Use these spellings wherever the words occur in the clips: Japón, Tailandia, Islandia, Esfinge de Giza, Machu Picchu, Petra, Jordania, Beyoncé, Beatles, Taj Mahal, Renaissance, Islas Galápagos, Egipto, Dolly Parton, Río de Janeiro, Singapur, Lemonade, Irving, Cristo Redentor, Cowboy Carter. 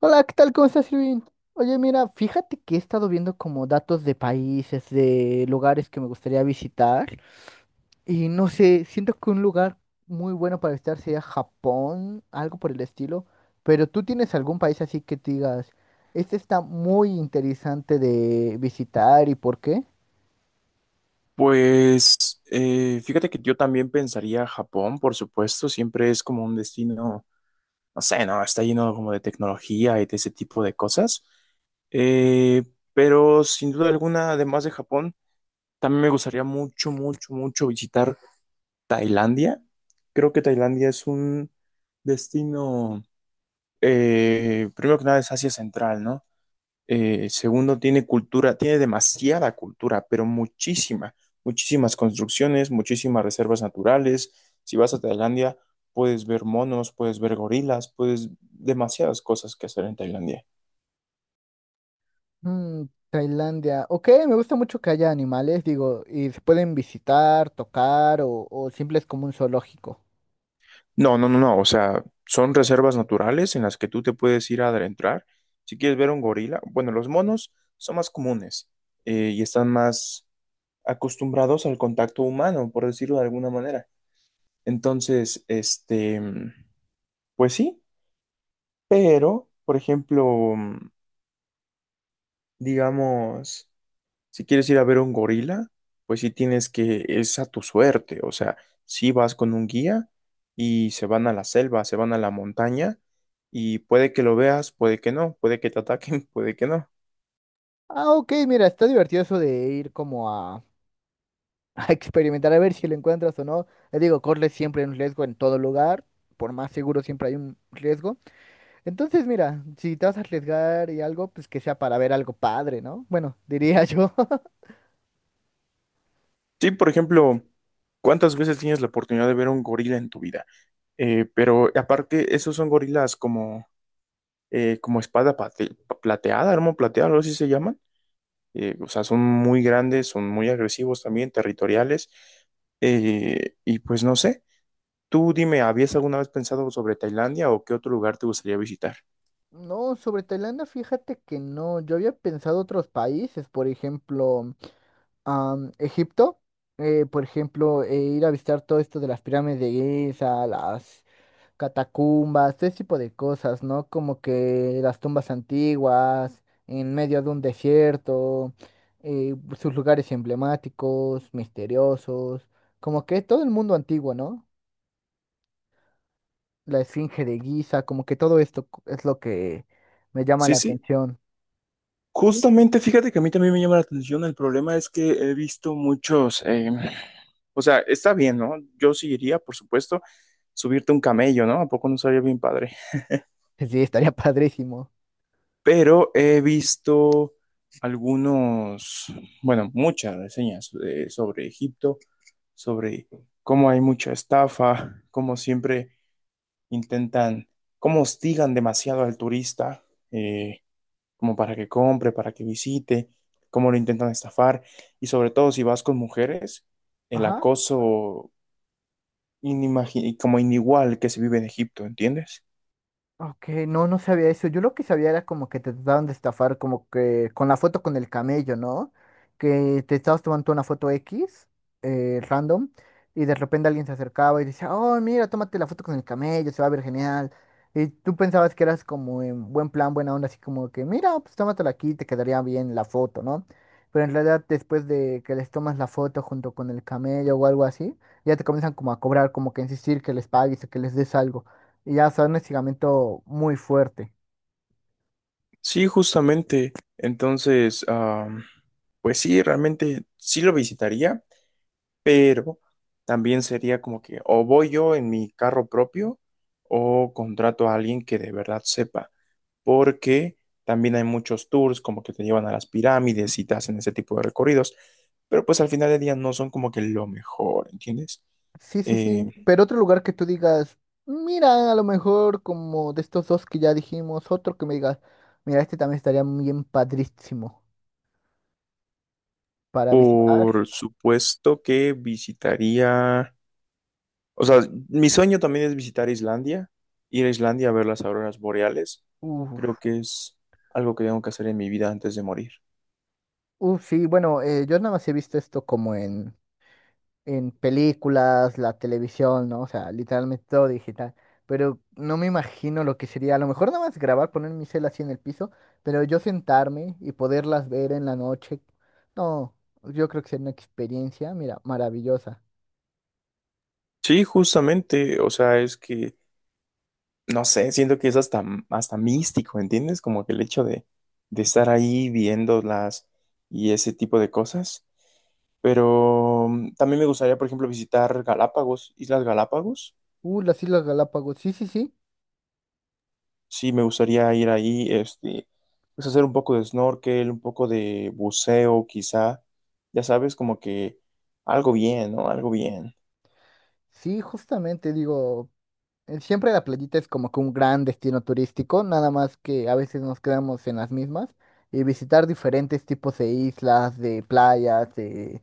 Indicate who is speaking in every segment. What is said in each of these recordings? Speaker 1: Hola, ¿qué tal? ¿Cómo estás, Irving? Oye, mira, fíjate que he estado viendo como datos de países, de lugares que me gustaría visitar y no sé, siento que un lugar muy bueno para visitar sería Japón, algo por el estilo, pero ¿tú tienes algún país así que te digas, este está muy interesante de visitar y por qué?
Speaker 2: Fíjate que yo también pensaría Japón, por supuesto, siempre es como un destino, no sé, no, está lleno como de tecnología y de ese tipo de cosas. Eh, pero sin duda alguna, además de Japón, también me gustaría mucho, mucho, mucho visitar Tailandia. Creo que Tailandia es un destino, primero que nada es Asia Central, ¿no? Segundo, tiene cultura, tiene demasiada cultura, pero muchísima, muchísimas construcciones, muchísimas reservas naturales. Si vas a Tailandia, puedes ver monos, puedes ver gorilas, puedes demasiadas cosas que hacer en Tailandia.
Speaker 1: Mm, Tailandia, ok, me gusta mucho que haya animales, digo, y se pueden visitar, tocar o simple es como un zoológico.
Speaker 2: No, no, no, no, o sea, son reservas naturales en las que tú te puedes ir a adentrar. Si quieres ver un gorila, bueno, los monos son más comunes y están más acostumbrados al contacto humano, por decirlo de alguna manera. Entonces, pues sí. Pero, por ejemplo, mm, digamos, si quieres ir a ver un gorila, pues sí tienes que, es a tu suerte, o sea, si vas con un guía y se van a la selva, se van a la montaña y puede que lo veas, puede que no, puede que te ataquen, puede que no.
Speaker 1: Ah, ok, mira, está divertido eso de ir como a, a experimentar a ver si lo encuentras o no. Les digo, corre siempre un riesgo en todo lugar, por más seguro siempre hay un riesgo. Entonces, mira, si te vas a arriesgar y algo, pues que sea para ver algo padre, ¿no? Bueno, diría yo.
Speaker 2: Sí, por ejemplo, ¿cuántas veces tienes la oportunidad de ver un gorila en tu vida? Pero aparte, esos son gorilas como, como espada plateada, arma plateada, algo así se llaman o sea, son muy grandes, son muy agresivos también, territoriales. Y pues no sé, tú dime, ¿habías alguna vez pensado sobre Tailandia o qué otro lugar te gustaría visitar?
Speaker 1: No, sobre Tailandia, fíjate que no. Yo había pensado otros países, por ejemplo, Egipto, por ejemplo, ir a visitar todo esto de las pirámides de Giza, las catacumbas, ese tipo de cosas, ¿no? Como que las tumbas antiguas, en medio de un desierto, sus lugares emblemáticos, misteriosos, como que todo el mundo antiguo, ¿no? La Esfinge de Giza, como que todo esto es lo que me llama
Speaker 2: Sí,
Speaker 1: la
Speaker 2: sí.
Speaker 1: atención. Sí,
Speaker 2: Justamente, fíjate que a mí también me llama la atención. El problema es que he visto muchos. O sea, está bien, ¿no? Yo sí iría, por supuesto, subirte un camello, ¿no? ¿A poco no sería bien padre?
Speaker 1: sí, estaría padrísimo.
Speaker 2: Pero he visto algunos, bueno, muchas reseñas sobre Egipto, sobre cómo hay mucha estafa, cómo siempre intentan, cómo hostigan demasiado al turista, eh, como para que compre, para que visite, cómo lo intentan estafar, y sobre todo si vas con mujeres, el
Speaker 1: Ajá.
Speaker 2: acoso como inigual que se vive en Egipto, ¿entiendes?
Speaker 1: Ok, no, no sabía eso. Yo lo que sabía era como que te trataban de estafar, como que con la foto con el camello, ¿no? Que te estabas tomando una foto X, random, y de repente alguien se acercaba y decía, oh, mira, tómate la foto con el camello, se va a ver genial. Y tú pensabas que eras como en buen plan, buena onda, así como que, mira, pues tómatela aquí, te quedaría bien la foto, ¿no? Pero en realidad después de que les tomas la foto junto con el camello o algo así, ya te comienzan como a cobrar, como que a insistir que les pagues o que les des algo. Y ya, o sea, un estiramiento muy fuerte.
Speaker 2: Sí, justamente. Entonces, pues sí, realmente sí lo visitaría, pero también sería como que o voy yo en mi carro propio o contrato a alguien que de verdad sepa, porque también hay muchos tours como que te llevan a las pirámides y te hacen ese tipo de recorridos, pero pues al final del día no son como que lo mejor, ¿entiendes?
Speaker 1: Sí, sí,
Speaker 2: Eh,
Speaker 1: sí. Pero otro lugar que tú digas, mira, a lo mejor como de estos dos que ya dijimos, otro que me digas, mira, este también estaría bien padrísimo para visitar.
Speaker 2: Por supuesto que visitaría, o sea, mi sueño también es visitar Islandia, ir a Islandia a ver las auroras boreales.
Speaker 1: Uf,
Speaker 2: Creo que es algo que tengo que hacer en mi vida antes de morir.
Speaker 1: uf, sí, bueno, yo nada más he visto esto como en películas, la televisión, ¿no? O sea, literalmente todo digital. Pero no me imagino lo que sería, a lo mejor nada más grabar, poner mi cel así en el piso, pero yo sentarme y poderlas ver en la noche. No, yo creo que sería una experiencia, mira, maravillosa.
Speaker 2: Sí, justamente, o sea, es que, no sé, siento que es hasta, hasta místico, ¿entiendes? Como que el hecho de estar ahí viéndolas y ese tipo de cosas. Pero también me gustaría, por ejemplo, visitar Galápagos, Islas Galápagos.
Speaker 1: Las Islas Galápagos, sí, sí, sí.
Speaker 2: Sí, me gustaría ir ahí, pues hacer un poco de snorkel, un poco de buceo, quizá. Ya sabes, como que algo bien, ¿no? Algo bien.
Speaker 1: Sí, justamente digo, siempre la playita es como que un gran destino turístico, nada más que a veces nos quedamos en las mismas y visitar diferentes tipos de islas, de playas,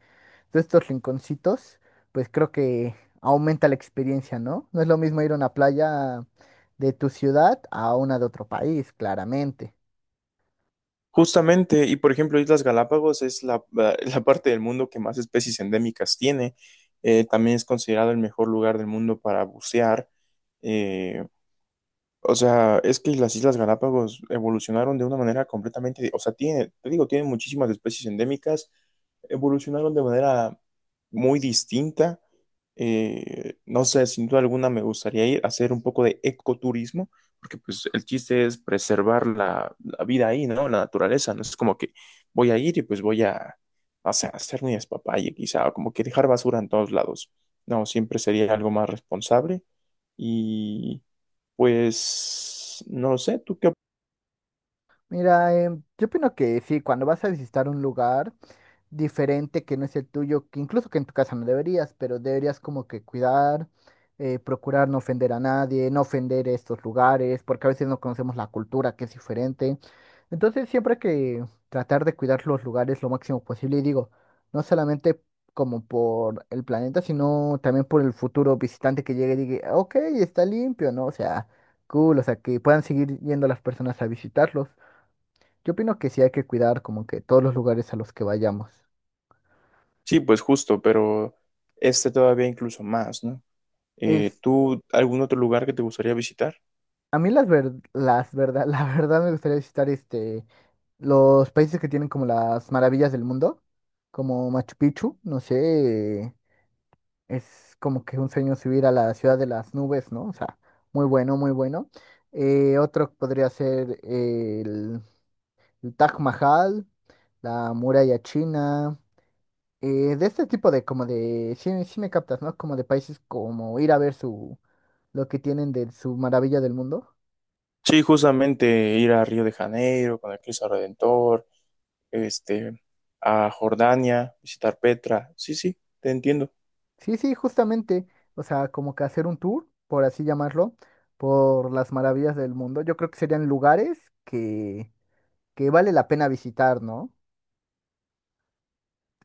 Speaker 1: de estos rinconcitos, pues creo que aumenta la experiencia, ¿no? No es lo mismo ir a una playa de tu ciudad a una de otro país, claramente.
Speaker 2: Justamente, y por ejemplo, Islas Galápagos es la parte del mundo que más especies endémicas tiene. También es considerado el mejor lugar del mundo para bucear. eh, o sea, es que las Islas Galápagos evolucionaron de una manera o sea, tiene, te digo, tienen muchísimas especies endémicas, evolucionaron de manera muy distinta. No sé, sin duda alguna me gustaría ir a hacer un poco de ecoturismo, porque pues el chiste es preservar la vida ahí, ¿no? La naturaleza, no es como que voy a ir y pues voy o sea, hacer mi despapalle quizá, o como que dejar basura en todos lados. No, siempre sería algo más responsable pues no sé, ¿tú qué?
Speaker 1: Mira, yo opino que sí, cuando vas a visitar un lugar, diferente que no es el tuyo, que incluso que en tu casa no deberías, pero deberías como que cuidar, procurar no ofender a nadie, no ofender estos lugares, porque a veces no conocemos la cultura que es diferente. Entonces siempre hay que tratar de cuidar los lugares lo máximo posible y digo, no solamente como por el planeta, sino también por el futuro visitante que llegue y diga, ok, está limpio, ¿no? O sea, cool, o sea, que puedan seguir yendo las personas a visitarlos. Yo opino que sí hay que cuidar como que todos los lugares a los que vayamos.
Speaker 2: Sí, pues justo, pero este todavía incluso más, ¿no?
Speaker 1: Es,
Speaker 2: ¿Tú algún otro lugar que te gustaría visitar?
Speaker 1: a mí las ver, las verdad, la verdad me gustaría visitar este los países que tienen como las maravillas del mundo, como Machu Picchu, no sé, es como que un sueño subir a la ciudad de las nubes, ¿no? O sea, muy bueno, muy bueno. Otro podría ser el Taj Mahal, la muralla china, de este tipo de como de, sí, sí me captas, ¿no? Como de países como ir a ver su, lo que tienen de su maravilla del mundo.
Speaker 2: Sí, justamente ir a Río de Janeiro con el Cristo Redentor, este, a Jordania, visitar Petra. Sí, sí, te entiendo.
Speaker 1: Sí, sí, justamente, o sea, como que hacer un tour, por así llamarlo, por las maravillas del mundo. Yo creo que serían lugares que vale la pena visitar, ¿no?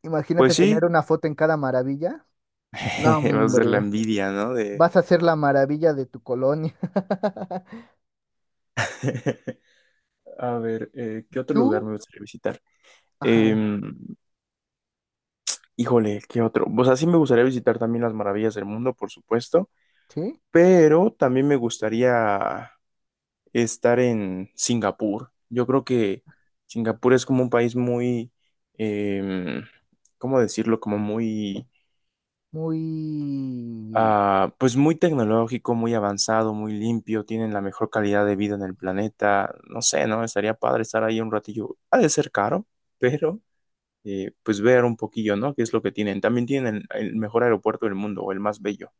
Speaker 1: Imagínate
Speaker 2: Pues sí,
Speaker 1: tener una foto en cada maravilla. No,
Speaker 2: va a ser la
Speaker 1: hombre,
Speaker 2: envidia, ¿no? De...
Speaker 1: vas a ser la maravilla de tu colonia.
Speaker 2: A ver, ¿qué otro lugar
Speaker 1: Tú,
Speaker 2: me gustaría visitar?
Speaker 1: ajá,
Speaker 2: Em, híjole, ¿qué otro? Pues así me gustaría visitar también las maravillas del mundo, por supuesto.
Speaker 1: sí,
Speaker 2: Pero también me gustaría estar en Singapur. Yo creo que Singapur es como un país muy, em, ¿cómo decirlo? Como muy,
Speaker 1: muy...
Speaker 2: ah, pues muy tecnológico, muy avanzado, muy limpio, tienen la mejor calidad de vida en el planeta. No sé, ¿no? Estaría padre estar ahí un ratillo. Ha de ser caro, pero pues ver un poquillo, ¿no? ¿Qué es lo que tienen? También tienen el mejor aeropuerto del mundo, o el más bello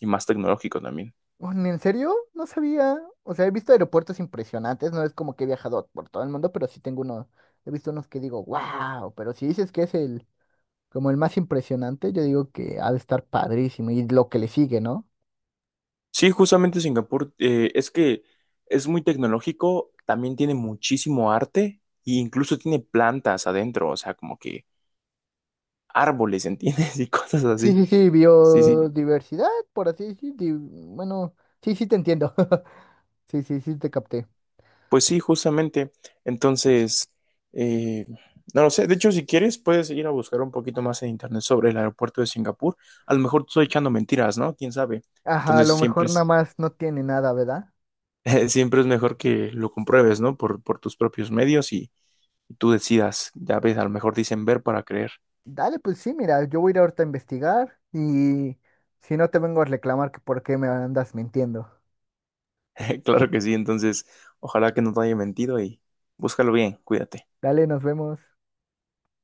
Speaker 2: y más tecnológico también.
Speaker 1: ¿En serio? No sabía. O sea, he visto aeropuertos impresionantes, no es como que he viajado por todo el mundo, pero sí tengo uno, he visto unos que digo, wow, pero si dices que es el... Como el más impresionante, yo digo que ha de estar padrísimo y lo que le sigue, ¿no?
Speaker 2: Sí, justamente Singapur, es que es muy tecnológico, también tiene muchísimo arte e incluso tiene plantas adentro, o sea, como que árboles, ¿entiendes? Y cosas
Speaker 1: Sí,
Speaker 2: así.
Speaker 1: sí, sí,
Speaker 2: Sí, sí,
Speaker 1: biodiversidad, por así decir. Bueno, sí, sí, te entiendo. Sí, sí, sí, te capté.
Speaker 2: pues sí, justamente. Entonces, eh, no lo sé, de hecho, si quieres, puedes ir a buscar un poquito más en internet sobre el aeropuerto de Singapur. A lo mejor te estoy echando mentiras, ¿no? ¿Quién sabe?
Speaker 1: Ajá, a
Speaker 2: Entonces,
Speaker 1: lo
Speaker 2: siempre
Speaker 1: mejor nada
Speaker 2: es,
Speaker 1: más no tiene nada, ¿verdad?
Speaker 2: siempre es mejor que lo compruebes, ¿no? Por tus propios medios y tú decidas. Ya ves, a lo mejor dicen ver para creer.
Speaker 1: Dale, pues sí, mira, yo voy a ir ahorita a investigar y si no te vengo a reclamar que por qué me andas mintiendo.
Speaker 2: Claro que sí, entonces ojalá que no te haya mentido y búscalo bien, cuídate.
Speaker 1: Dale, nos vemos.